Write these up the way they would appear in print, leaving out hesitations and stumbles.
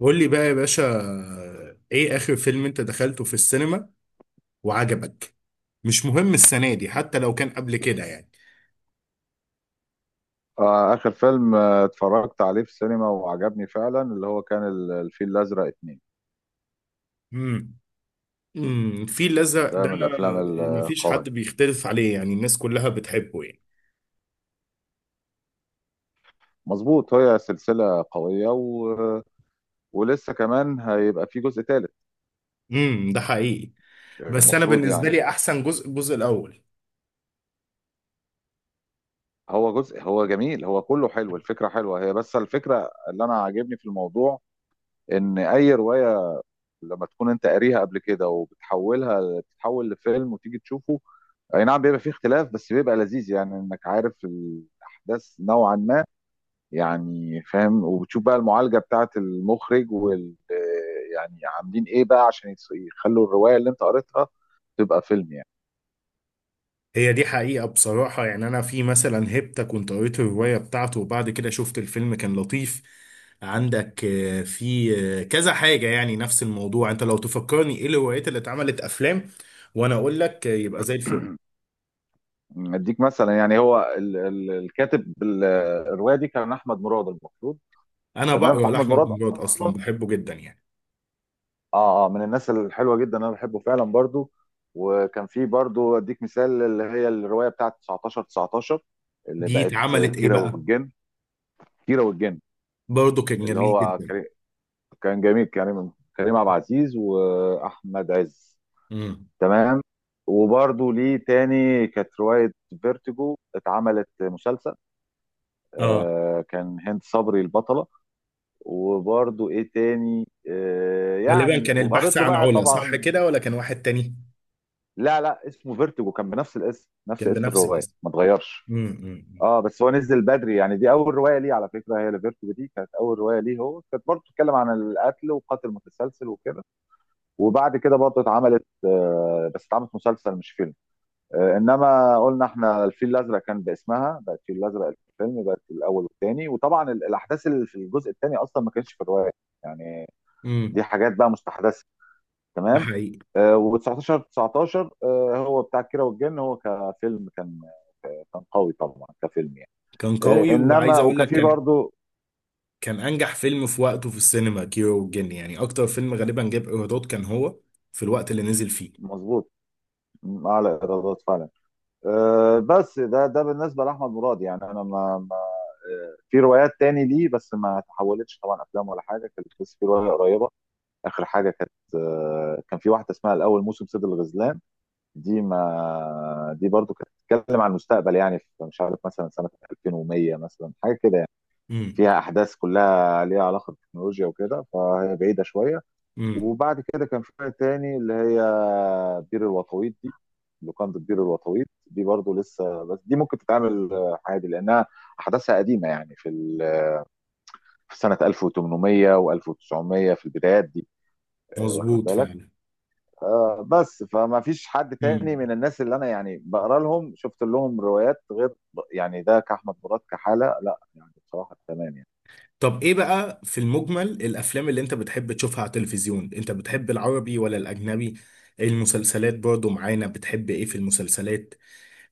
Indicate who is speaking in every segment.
Speaker 1: قول لي بقى يا باشا، ايه اخر فيلم انت دخلته في السينما وعجبك؟ مش مهم السنة دي، حتى لو كان قبل كده يعني.
Speaker 2: آخر فيلم اتفرجت عليه في السينما وعجبني فعلا، اللي هو كان الفيل الأزرق اتنين.
Speaker 1: امم الفيل الازرق
Speaker 2: ده
Speaker 1: ده،
Speaker 2: من الأفلام
Speaker 1: مفيش
Speaker 2: القوية.
Speaker 1: حد بيختلف عليه، يعني الناس كلها بتحبه يعني.
Speaker 2: مظبوط، هي سلسلة قوية و... ولسه كمان هيبقى في جزء تالت،
Speaker 1: ده حقيقي. بس انا
Speaker 2: المفروض
Speaker 1: بالنسبة
Speaker 2: يعني.
Speaker 1: لي احسن جزء الجزء الاول.
Speaker 2: هو جزء، هو جميل، هو كله حلو، الفكرة حلوة هي، بس الفكرة اللي أنا عاجبني في الموضوع إن أي رواية لما تكون أنت قاريها قبل كده وبتحولها تتحول لفيلم وتيجي تشوفه، أي نعم بيبقى فيه اختلاف بس بيبقى لذيذ يعني إنك عارف الأحداث نوعا ما، يعني فاهم، وبتشوف بقى المعالجة بتاعت المخرج يعني عاملين ايه بقى عشان يخلوا الرواية اللي انت قريتها تبقى فيلم يعني.
Speaker 1: هي دي حقيقة بصراحة، يعني أنا في مثلا هيبتا كنت قريت الرواية بتاعته وبعد كده شفت الفيلم، كان لطيف. عندك في كذا حاجة يعني نفس الموضوع. أنت لو تفكرني إيه الروايات اللي اتعملت أفلام، وأنا أقول لك يبقى زي الفل.
Speaker 2: اديك مثلا، يعني هو ال ال الكاتب، الرواية دي كان احمد مراد المفروض.
Speaker 1: أنا
Speaker 2: تمام،
Speaker 1: بقرا
Speaker 2: فاحمد
Speaker 1: لأحمد
Speaker 2: مراد
Speaker 1: مراد أصلا،
Speaker 2: اصلا،
Speaker 1: بحبه جدا يعني.
Speaker 2: اه اه، من الناس الحلوة جدا، انا بحبه فعلا برضو. وكان في برضو، اديك مثال، اللي هي الرواية بتاعت 19 19، اللي
Speaker 1: دي
Speaker 2: بقت
Speaker 1: اتعملت إيه
Speaker 2: كيرة
Speaker 1: بقى؟
Speaker 2: والجن، كيرة والجن
Speaker 1: برضه كان
Speaker 2: اللي
Speaker 1: جميل
Speaker 2: هو،
Speaker 1: جدا.
Speaker 2: كان جميل، كريم، كريم عبد العزيز واحمد عز.
Speaker 1: امم
Speaker 2: تمام. وبرضه ليه تاني كانت روايه فيرتيجو، اتعملت مسلسل،
Speaker 1: آه
Speaker 2: آه، كان هند صبري البطله. وبرضه ايه تاني،
Speaker 1: غالبا
Speaker 2: يعني،
Speaker 1: كان البحث
Speaker 2: وقريت له
Speaker 1: عن
Speaker 2: بقى
Speaker 1: علا، صح
Speaker 2: طبعا.
Speaker 1: كده، ولا كان واحد تاني؟
Speaker 2: لا لا، اسمه فيرتيجو، كان بنفس الاسم، نفس
Speaker 1: كان
Speaker 2: اسم
Speaker 1: بنفس
Speaker 2: الروايه
Speaker 1: الاسم.
Speaker 2: ما اتغيرش،
Speaker 1: امم امم
Speaker 2: اه. بس هو نزل بدري يعني، دي اول روايه ليه، على فكره هي لفيرتيجو دي كانت اول روايه ليه، هو كانت برضه بتتكلم عن القتل وقاتل متسلسل وكده. وبعد كده برضه اتعملت، بس اتعملت مسلسل مش فيلم. انما قلنا احنا الفيل الازرق كان باسمها، بقت الفيل الازرق الفيلم، بقت الاول والثاني، وطبعا الاحداث اللي في الجزء الثاني اصلا ما كانتش في الروايه يعني، دي
Speaker 1: امم
Speaker 2: حاجات بقى مستحدثه.
Speaker 1: ده
Speaker 2: تمام.
Speaker 1: حقيقي.
Speaker 2: و19 19 هو بتاع كيرة والجن، هو كفيلم كان، كان قوي طبعا كفيلم يعني.
Speaker 1: كان قوي وعايز
Speaker 2: انما
Speaker 1: اقول
Speaker 2: وكان
Speaker 1: لك
Speaker 2: فيه
Speaker 1: كان.
Speaker 2: برضه،
Speaker 1: كان انجح فيلم في وقته في السينما كيرة والجن، يعني اكتر فيلم غالبا جاب ايرادات كان هو في الوقت اللي نزل فيه.
Speaker 2: مظبوط، اعلى ايرادات فعلا. بس ده بالنسبه لاحمد مراد يعني، انا ما في روايات تاني ليه بس ما تحولتش طبعا افلام ولا حاجه، كانت بس في روايه قريبه، اخر حاجه، كانت كان في واحده اسمها الاول موسم صيد الغزلان. دي، ما دي برضو كانت بتتكلم عن المستقبل يعني، في مش عارف مثلا سنه 2100 مثلا، حاجه كده يعني،
Speaker 1: امم،
Speaker 2: فيها احداث كلها ليها علاقه بالتكنولوجيا وكده، فهي بعيده شويه.
Speaker 1: امم،
Speaker 2: وبعد كده كان في روايه تاني، اللي هي بير الوطويط دي، لوكاندا بير الوطويط دي برضو لسه، بس دي ممكن تتعمل عادي، لانها احداثها قديمه يعني، في في سنة 1800 و1900، في البدايات دي. واخد
Speaker 1: مظبوط
Speaker 2: بالك.
Speaker 1: فعلا.
Speaker 2: بس فما فيش حد تاني
Speaker 1: امم
Speaker 2: من الناس اللي انا يعني بقرا لهم شفت لهم روايات غير، يعني ده كأحمد مراد كحالة لا يعني بصراحة. تمام يعني.
Speaker 1: طب ايه بقى في المجمل الافلام اللي انت بتحب تشوفها على التلفزيون، انت بتحب العربي ولا الاجنبي؟ إيه المسلسلات برضو معانا، بتحب ايه في المسلسلات؟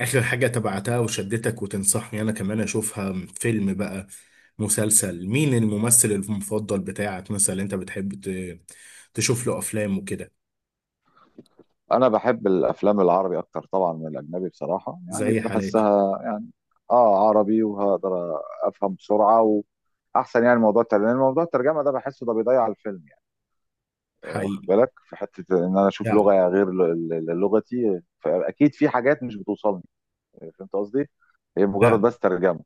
Speaker 1: اخر حاجة تبعتها وشدتك وتنصحني انا كمان اشوفها، فيلم بقى مسلسل، مين الممثل المفضل بتاعك مثلا؟ انت بتحب تشوف له افلام وكده؟
Speaker 2: انا بحب الافلام العربي اكتر طبعا من الاجنبي بصراحة، يعني
Speaker 1: زي حالاتي.
Speaker 2: بحسها يعني، اه، عربي وهقدر افهم بسرعة واحسن، يعني موضوع الترجمة، لأن موضوع الترجمة ده بحسه ده بيضيع الفيلم، واخد
Speaker 1: حقيقي.
Speaker 2: بالك، في حته ان انا اشوف
Speaker 1: فعلا.
Speaker 2: لغه غير لغتي، فاكيد في حاجات مش بتوصلني، فهمت قصدي، هي مجرد
Speaker 1: فعلا.
Speaker 2: بس ترجمه.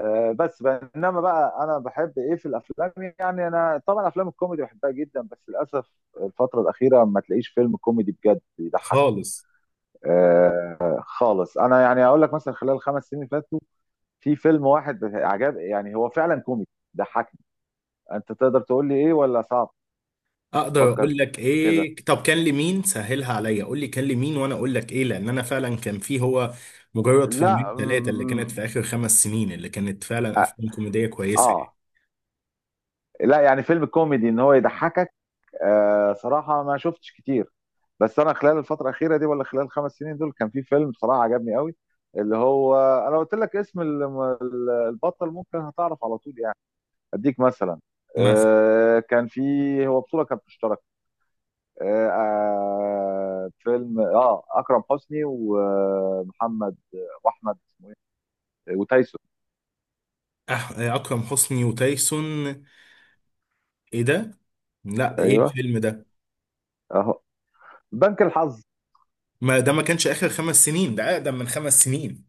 Speaker 2: بس بقى، انما بقى، انا بحب ايه في الافلام يعني. انا طبعا افلام الكوميدي بحبها جدا، بس للاسف الفتره الاخيره ما تلاقيش فيلم كوميدي بجد يضحك.
Speaker 1: خالص.
Speaker 2: آه. خالص. انا يعني اقول لك مثلا، خلال الخمس سنين اللي فاتوا، في فيلم واحد عجب، يعني هو فعلا كوميدي، ضحكني. انت تقدر تقول لي ايه ولا صعب؟
Speaker 1: اقدر
Speaker 2: فكر
Speaker 1: اقول لك
Speaker 2: كده.
Speaker 1: ايه. طب كان لمين؟ سهلها عليا، قول لي كان لمين وانا اقول لك ايه، لان انا فعلا كان في هو. مجرد
Speaker 2: لا،
Speaker 1: فيلمين ثلاثه اللي كانت في اخر 5 سنين، اللي كانت فعلا افلام كوميديه كويسه يعني.
Speaker 2: اه، لا يعني فيلم كوميدي ان هو يضحكك، آه، صراحه ما شفتش كتير، بس انا خلال الفتره الاخيره دي ولا خلال الخمس سنين دول كان في فيلم بصراحه عجبني قوي، اللي هو، انا قلت لك اسم البطل ممكن هتعرف على طول يعني. اديك مثلا،
Speaker 1: مثلا.
Speaker 2: كان في، هو بطوله كانت مشتركه، فيلم اكرم حسني ومحمد واحمد، وتايسون.
Speaker 1: اكرم حسني وتايسون؟ ايه ده؟ لا ايه
Speaker 2: ايوه،
Speaker 1: الفيلم ده؟
Speaker 2: اهو، بنك الحظ.
Speaker 1: ما ده ما كانش اخر 5 سنين، ده اقدم من 5 سنين.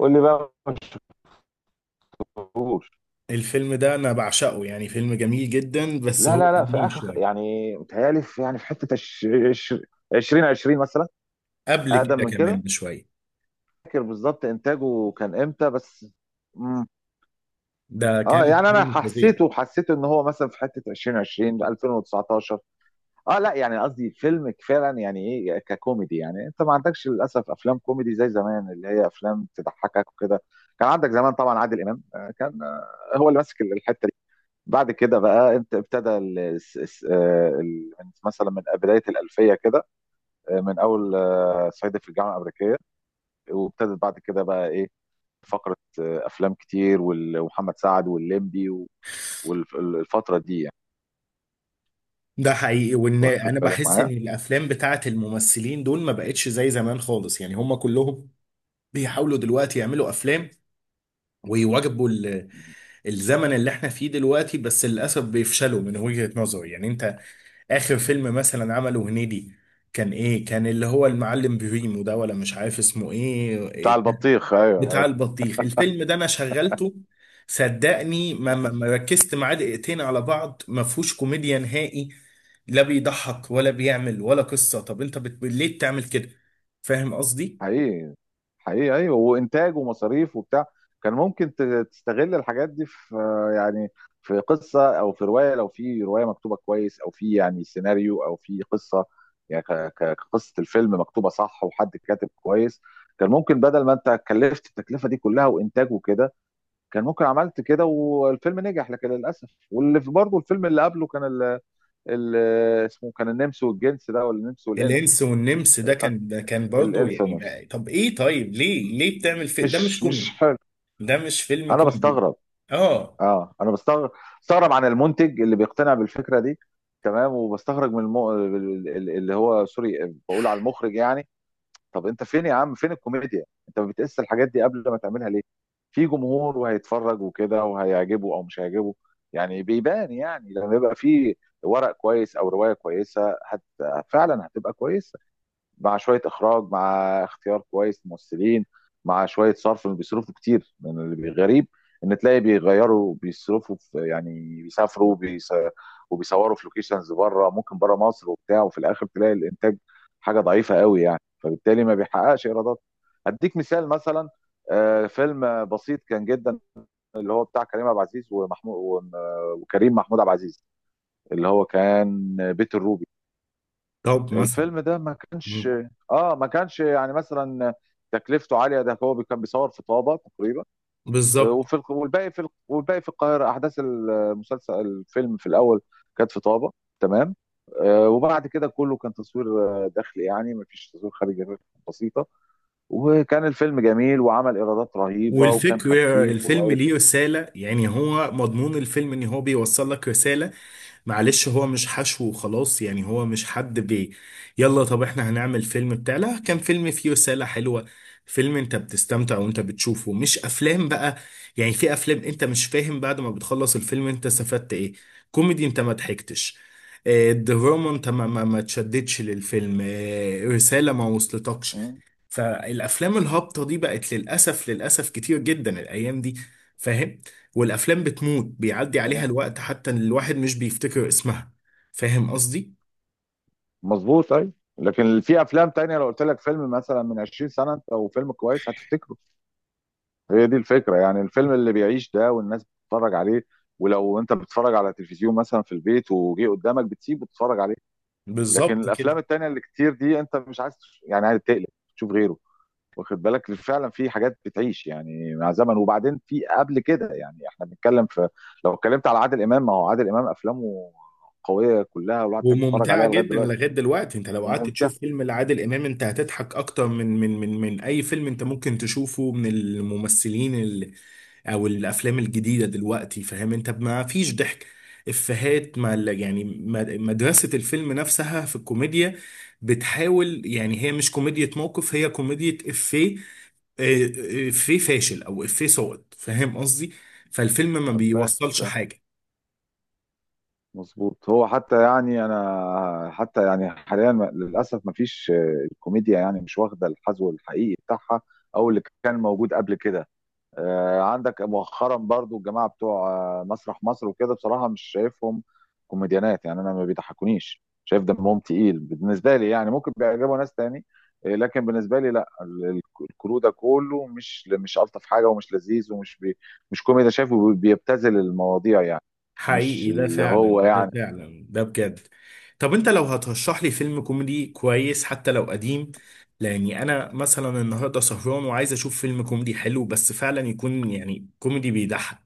Speaker 2: قول لي بقى ما شفتوش.
Speaker 1: الفيلم ده انا بعشقه يعني، فيلم جميل جدا بس
Speaker 2: لا
Speaker 1: هو
Speaker 2: لا لا، في
Speaker 1: قديم
Speaker 2: اخر
Speaker 1: شويه.
Speaker 2: يعني، متهيألي في، يعني في حته 2020 مثلا،
Speaker 1: قبل
Speaker 2: اقدم
Speaker 1: كده
Speaker 2: من
Speaker 1: كمان
Speaker 2: كده،
Speaker 1: بشويه.
Speaker 2: فاكر بالظبط انتاجه كان امتى بس. مم.
Speaker 1: ده كان
Speaker 2: اه، يعني انا
Speaker 1: فيلم فظيع.
Speaker 2: حسيته، ان هو مثلا في حته 2020، 2019. اه لا، يعني قصدي فيلم فعلا يعني، يعني ايه ككوميدي، يعني انت ما عندكش للاسف افلام كوميدي زي زمان، اللي هي افلام تضحكك وكده. كان عندك زمان طبعا عادل امام، كان، هو اللي ماسك الحته. بعد كده بقى انت ابتدى مثلا من بدايه الالفيه كده، من اول، صعيدي في الجامعه الامريكيه، وابتدت بعد كده بقى ايه، فقره افلام كتير ومحمد سعد والليمبي والفتره دي يعني.
Speaker 1: ده حقيقي، وان
Speaker 2: واخد
Speaker 1: انا
Speaker 2: بالك
Speaker 1: بحس ان
Speaker 2: معايا.
Speaker 1: الافلام بتاعت الممثلين دول ما بقتش زي زمان خالص، يعني هم كلهم بيحاولوا دلوقتي يعملوا افلام ويواجبوا الزمن اللي احنا فيه دلوقتي، بس للاسف بيفشلوا من وجهة نظري يعني. انت اخر فيلم مثلا عمله هنيدي كان ايه؟ كان اللي هو المعلم بريمو ده، ولا مش عارف اسمه ايه؟
Speaker 2: بتاع البطيخ،
Speaker 1: بتاع
Speaker 2: ايوه.
Speaker 1: البطيخ. الفيلم ده انا شغلته، صدقني ما ما
Speaker 2: ايوه.
Speaker 1: ما ركزت معاه دقيقتين على بعض، ما فيهوش كوميديا نهائي. لا بيضحك ولا بيعمل ولا قصة. طب انت ليه بتعمل كده؟ فاهم قصدي.
Speaker 2: حقيقي. حقيقي ايوه، وانتاج ومصاريف وبتاع، كان ممكن تستغل الحاجات دي في يعني في قصه او في روايه، لو في روايه مكتوبه كويس او في يعني سيناريو او في قصه، يعني كقصه الفيلم مكتوبه صح، وحد كاتب كويس، كان ممكن بدل ما انت كلفت التكلفه دي كلها وانتاج وكده، كان ممكن عملت كده والفيلم نجح، لكن للاسف. واللي في برضه الفيلم اللي قبله كان ال ال اسمه كان النمس والجنس ده، ولا النمس والانس.
Speaker 1: الانس والنمس ده
Speaker 2: فاك
Speaker 1: كان ده كان برضه
Speaker 2: الانس
Speaker 1: يعني
Speaker 2: والنمس.
Speaker 1: ما... طب ايه؟ طيب ليه بتعمل ده مش
Speaker 2: مش
Speaker 1: كوميدي؟
Speaker 2: حلو.
Speaker 1: ده مش فيلم
Speaker 2: انا
Speaker 1: كوميدي،
Speaker 2: بستغرب،
Speaker 1: اه.
Speaker 2: اه انا بستغرب، بستغرب عن المنتج اللي بيقتنع بالفكره دي. تمام، وبستغرب من اللي هو، سوري بقول على المخرج يعني. طب انت فين يا عم؟ فين الكوميديا؟ انت ما بتقيس الحاجات دي قبل ما تعملها ليه؟ في جمهور وهيتفرج وكده، وهيعجبه او مش هيعجبه، يعني بيبان، يعني لما يبقى في ورق كويس او روايه كويسه هت... فعلا هتبقى كويسه، مع شويه اخراج، مع اختيار كويس ممثلين، مع شويه صرف. بيصرفوا كتير من اللي غريب ان تلاقي بيغيروا، بيصرفوا في يعني، بيسافروا بيس... وبيصوروا في لوكيشنز بره، ممكن بره مصر وبتاع، وفي الاخر تلاقي الانتاج حاجه ضعيفه قوي يعني، فبالتالي ما بيحققش ايرادات. هديك مثال مثلا، فيلم بسيط كان جدا، اللي هو بتاع كريم عبد العزيز ومحمود وكريم محمود عبد العزيز، اللي هو كان بيت الروبي.
Speaker 1: طب مثلا.
Speaker 2: الفيلم ده ما كانش،
Speaker 1: مم.
Speaker 2: اه ما كانش يعني مثلا تكلفته عاليه، ده هو كان بيصور في طابه تقريبا،
Speaker 1: بالظبط.
Speaker 2: وفي الق- والباقي في الق- والباقي في القاهره، احداث المسلسل، الفيلم في الاول كانت في طابه، تمام، وبعد كده كله كان تصوير داخلي، يعني ما فيش تصوير خارجي غير بسيطه. وكان الفيلم جميل، وعمل ايرادات رهيبه، وكان
Speaker 1: والفكرة،
Speaker 2: خفيف
Speaker 1: الفيلم
Speaker 2: ولايت.
Speaker 1: ليه رسالة، يعني هو مضمون الفيلم ان هو بيوصل لك رسالة. معلش هو مش حشو وخلاص، يعني هو مش حد بي. يلا طب احنا هنعمل فيلم بتاع، لا كان فيلم فيه رسالة حلوة، فيلم انت بتستمتع وانت بتشوفه، مش افلام بقى. يعني في افلام انت مش فاهم بعد ما بتخلص الفيلم انت استفدت ايه. كوميدي انت ما ضحكتش. الدراما انت ما تشددش للفيلم، رسالة ما وصلتكش.
Speaker 2: مم،
Speaker 1: فالافلام الهابطه دي بقت للاسف للاسف كتير جدا الايام دي. فاهم؟ والافلام بتموت بيعدي عليها
Speaker 2: كده.
Speaker 1: الوقت، حتى إن الواحد مش بيفتكر اسمها. فاهم قصدي؟
Speaker 2: مظبوط، ايوه. لكن في افلام تانية، لو قلت لك فيلم مثلا من 20 سنه او فيلم كويس هتفتكره، هي دي الفكرة يعني، الفيلم اللي بيعيش ده والناس بتتفرج عليه، ولو انت بتتفرج على تلفزيون مثلا في البيت وجه قدامك بتسيب وتتفرج عليه. لكن
Speaker 1: بالظبط كده.
Speaker 2: الافلام التانية اللي كتير دي انت مش عايز يعني عايز تقلب تشوف غيره. واخد بالك فعلا، في حاجات بتعيش يعني مع زمن. وبعدين في قبل كده يعني احنا بنتكلم في، لو اتكلمت على عادل امام، ما هو عادل امام افلامه قوية كلها، والواحد بيحب يتفرج
Speaker 1: وممتعه
Speaker 2: عليها لغاية
Speaker 1: جدا
Speaker 2: دلوقتي.
Speaker 1: لغايه دلوقتي. انت لو قعدت
Speaker 2: وممتع.
Speaker 1: تشوف فيلم لعادل امام، انت هتضحك اكتر من اي فيلم انت ممكن تشوفه من الممثلين او الافلام الجديده دلوقتي. فاهم؟ انت ما فيش ضحك. افيهات، ما يعني مدرسه الفيلم نفسها في الكوميديا بتحاول يعني. هي مش كوميديا موقف، هي كوميديا افيه. افيه فاشل او افيه صوت. فاهم قصدي؟ فالفيلم ما
Speaker 2: فاهم.
Speaker 1: بيوصلش حاجه.
Speaker 2: مظبوط. هو حتى يعني، انا حتى يعني حاليا للاسف ما فيش، الكوميديا يعني مش واخده الحذو الحقيقي بتاعها، او اللي كان موجود قبل كده. عندك مؤخرا برضو الجماعه بتوع مسرح مصر وكده، بصراحه مش شايفهم كوميديانات يعني، انا ما بيضحكونيش، شايف دمهم تقيل بالنسبه لي يعني، ممكن بيعجبوا ناس تاني، لكن بالنسبه لي لا، الكرو ده كله مش الطف حاجه، ومش لذيذ، ومش بي مش كوميدي، شايفه بيبتذل المواضيع يعني، مش
Speaker 1: حقيقي، ده
Speaker 2: اللي هو
Speaker 1: فعلا، ده
Speaker 2: يعني.
Speaker 1: فعلا، ده بجد. طب انت لو هترشح لي فيلم كوميدي كويس حتى لو قديم، لاني انا مثلا النهارده سهران وعايز اشوف فيلم كوميدي حلو، بس فعلا يكون يعني كوميدي بيضحك.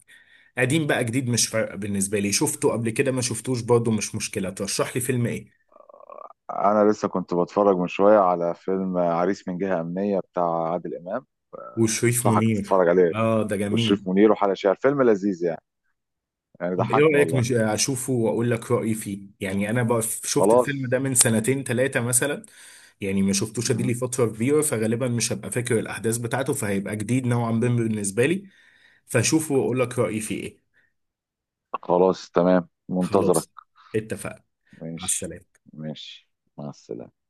Speaker 1: قديم بقى جديد مش فارقه بالنسبه لي، شفته قبل كده ما شفتوش برضه، مش مشكله. ترشح لي فيلم ايه؟
Speaker 2: انا لسه كنت بتفرج من شويه على فيلم عريس من جهه امنيه بتاع عادل امام،
Speaker 1: وشريف
Speaker 2: انصحك
Speaker 1: منير.
Speaker 2: تتفرج عليه،
Speaker 1: اه، ده
Speaker 2: وشريف
Speaker 1: جميل.
Speaker 2: منير وحلا شعر، فيلم لذيذ يعني، يعني
Speaker 1: طب ايه
Speaker 2: ضحكني
Speaker 1: رأيك،
Speaker 2: والله.
Speaker 1: مش اشوفه واقول لك رأيي فيه؟ يعني انا بقى شفت الفيلم ده
Speaker 2: خلاص.
Speaker 1: من سنتين ثلاثة مثلا، يعني ما شفتوش، ادي
Speaker 2: مهم.
Speaker 1: لي فترة كبيرة، فغالبا مش هبقى فاكر الاحداث بتاعته، فهيبقى جديد نوعا ما بالنسبة لي. فاشوفه واقول لك رأيي فيه ايه.
Speaker 2: خلاص، تمام، منتظرك.
Speaker 1: خلاص، اتفقنا. مع
Speaker 2: ماشي.
Speaker 1: السلامة.
Speaker 2: ماشي. مع السلامه.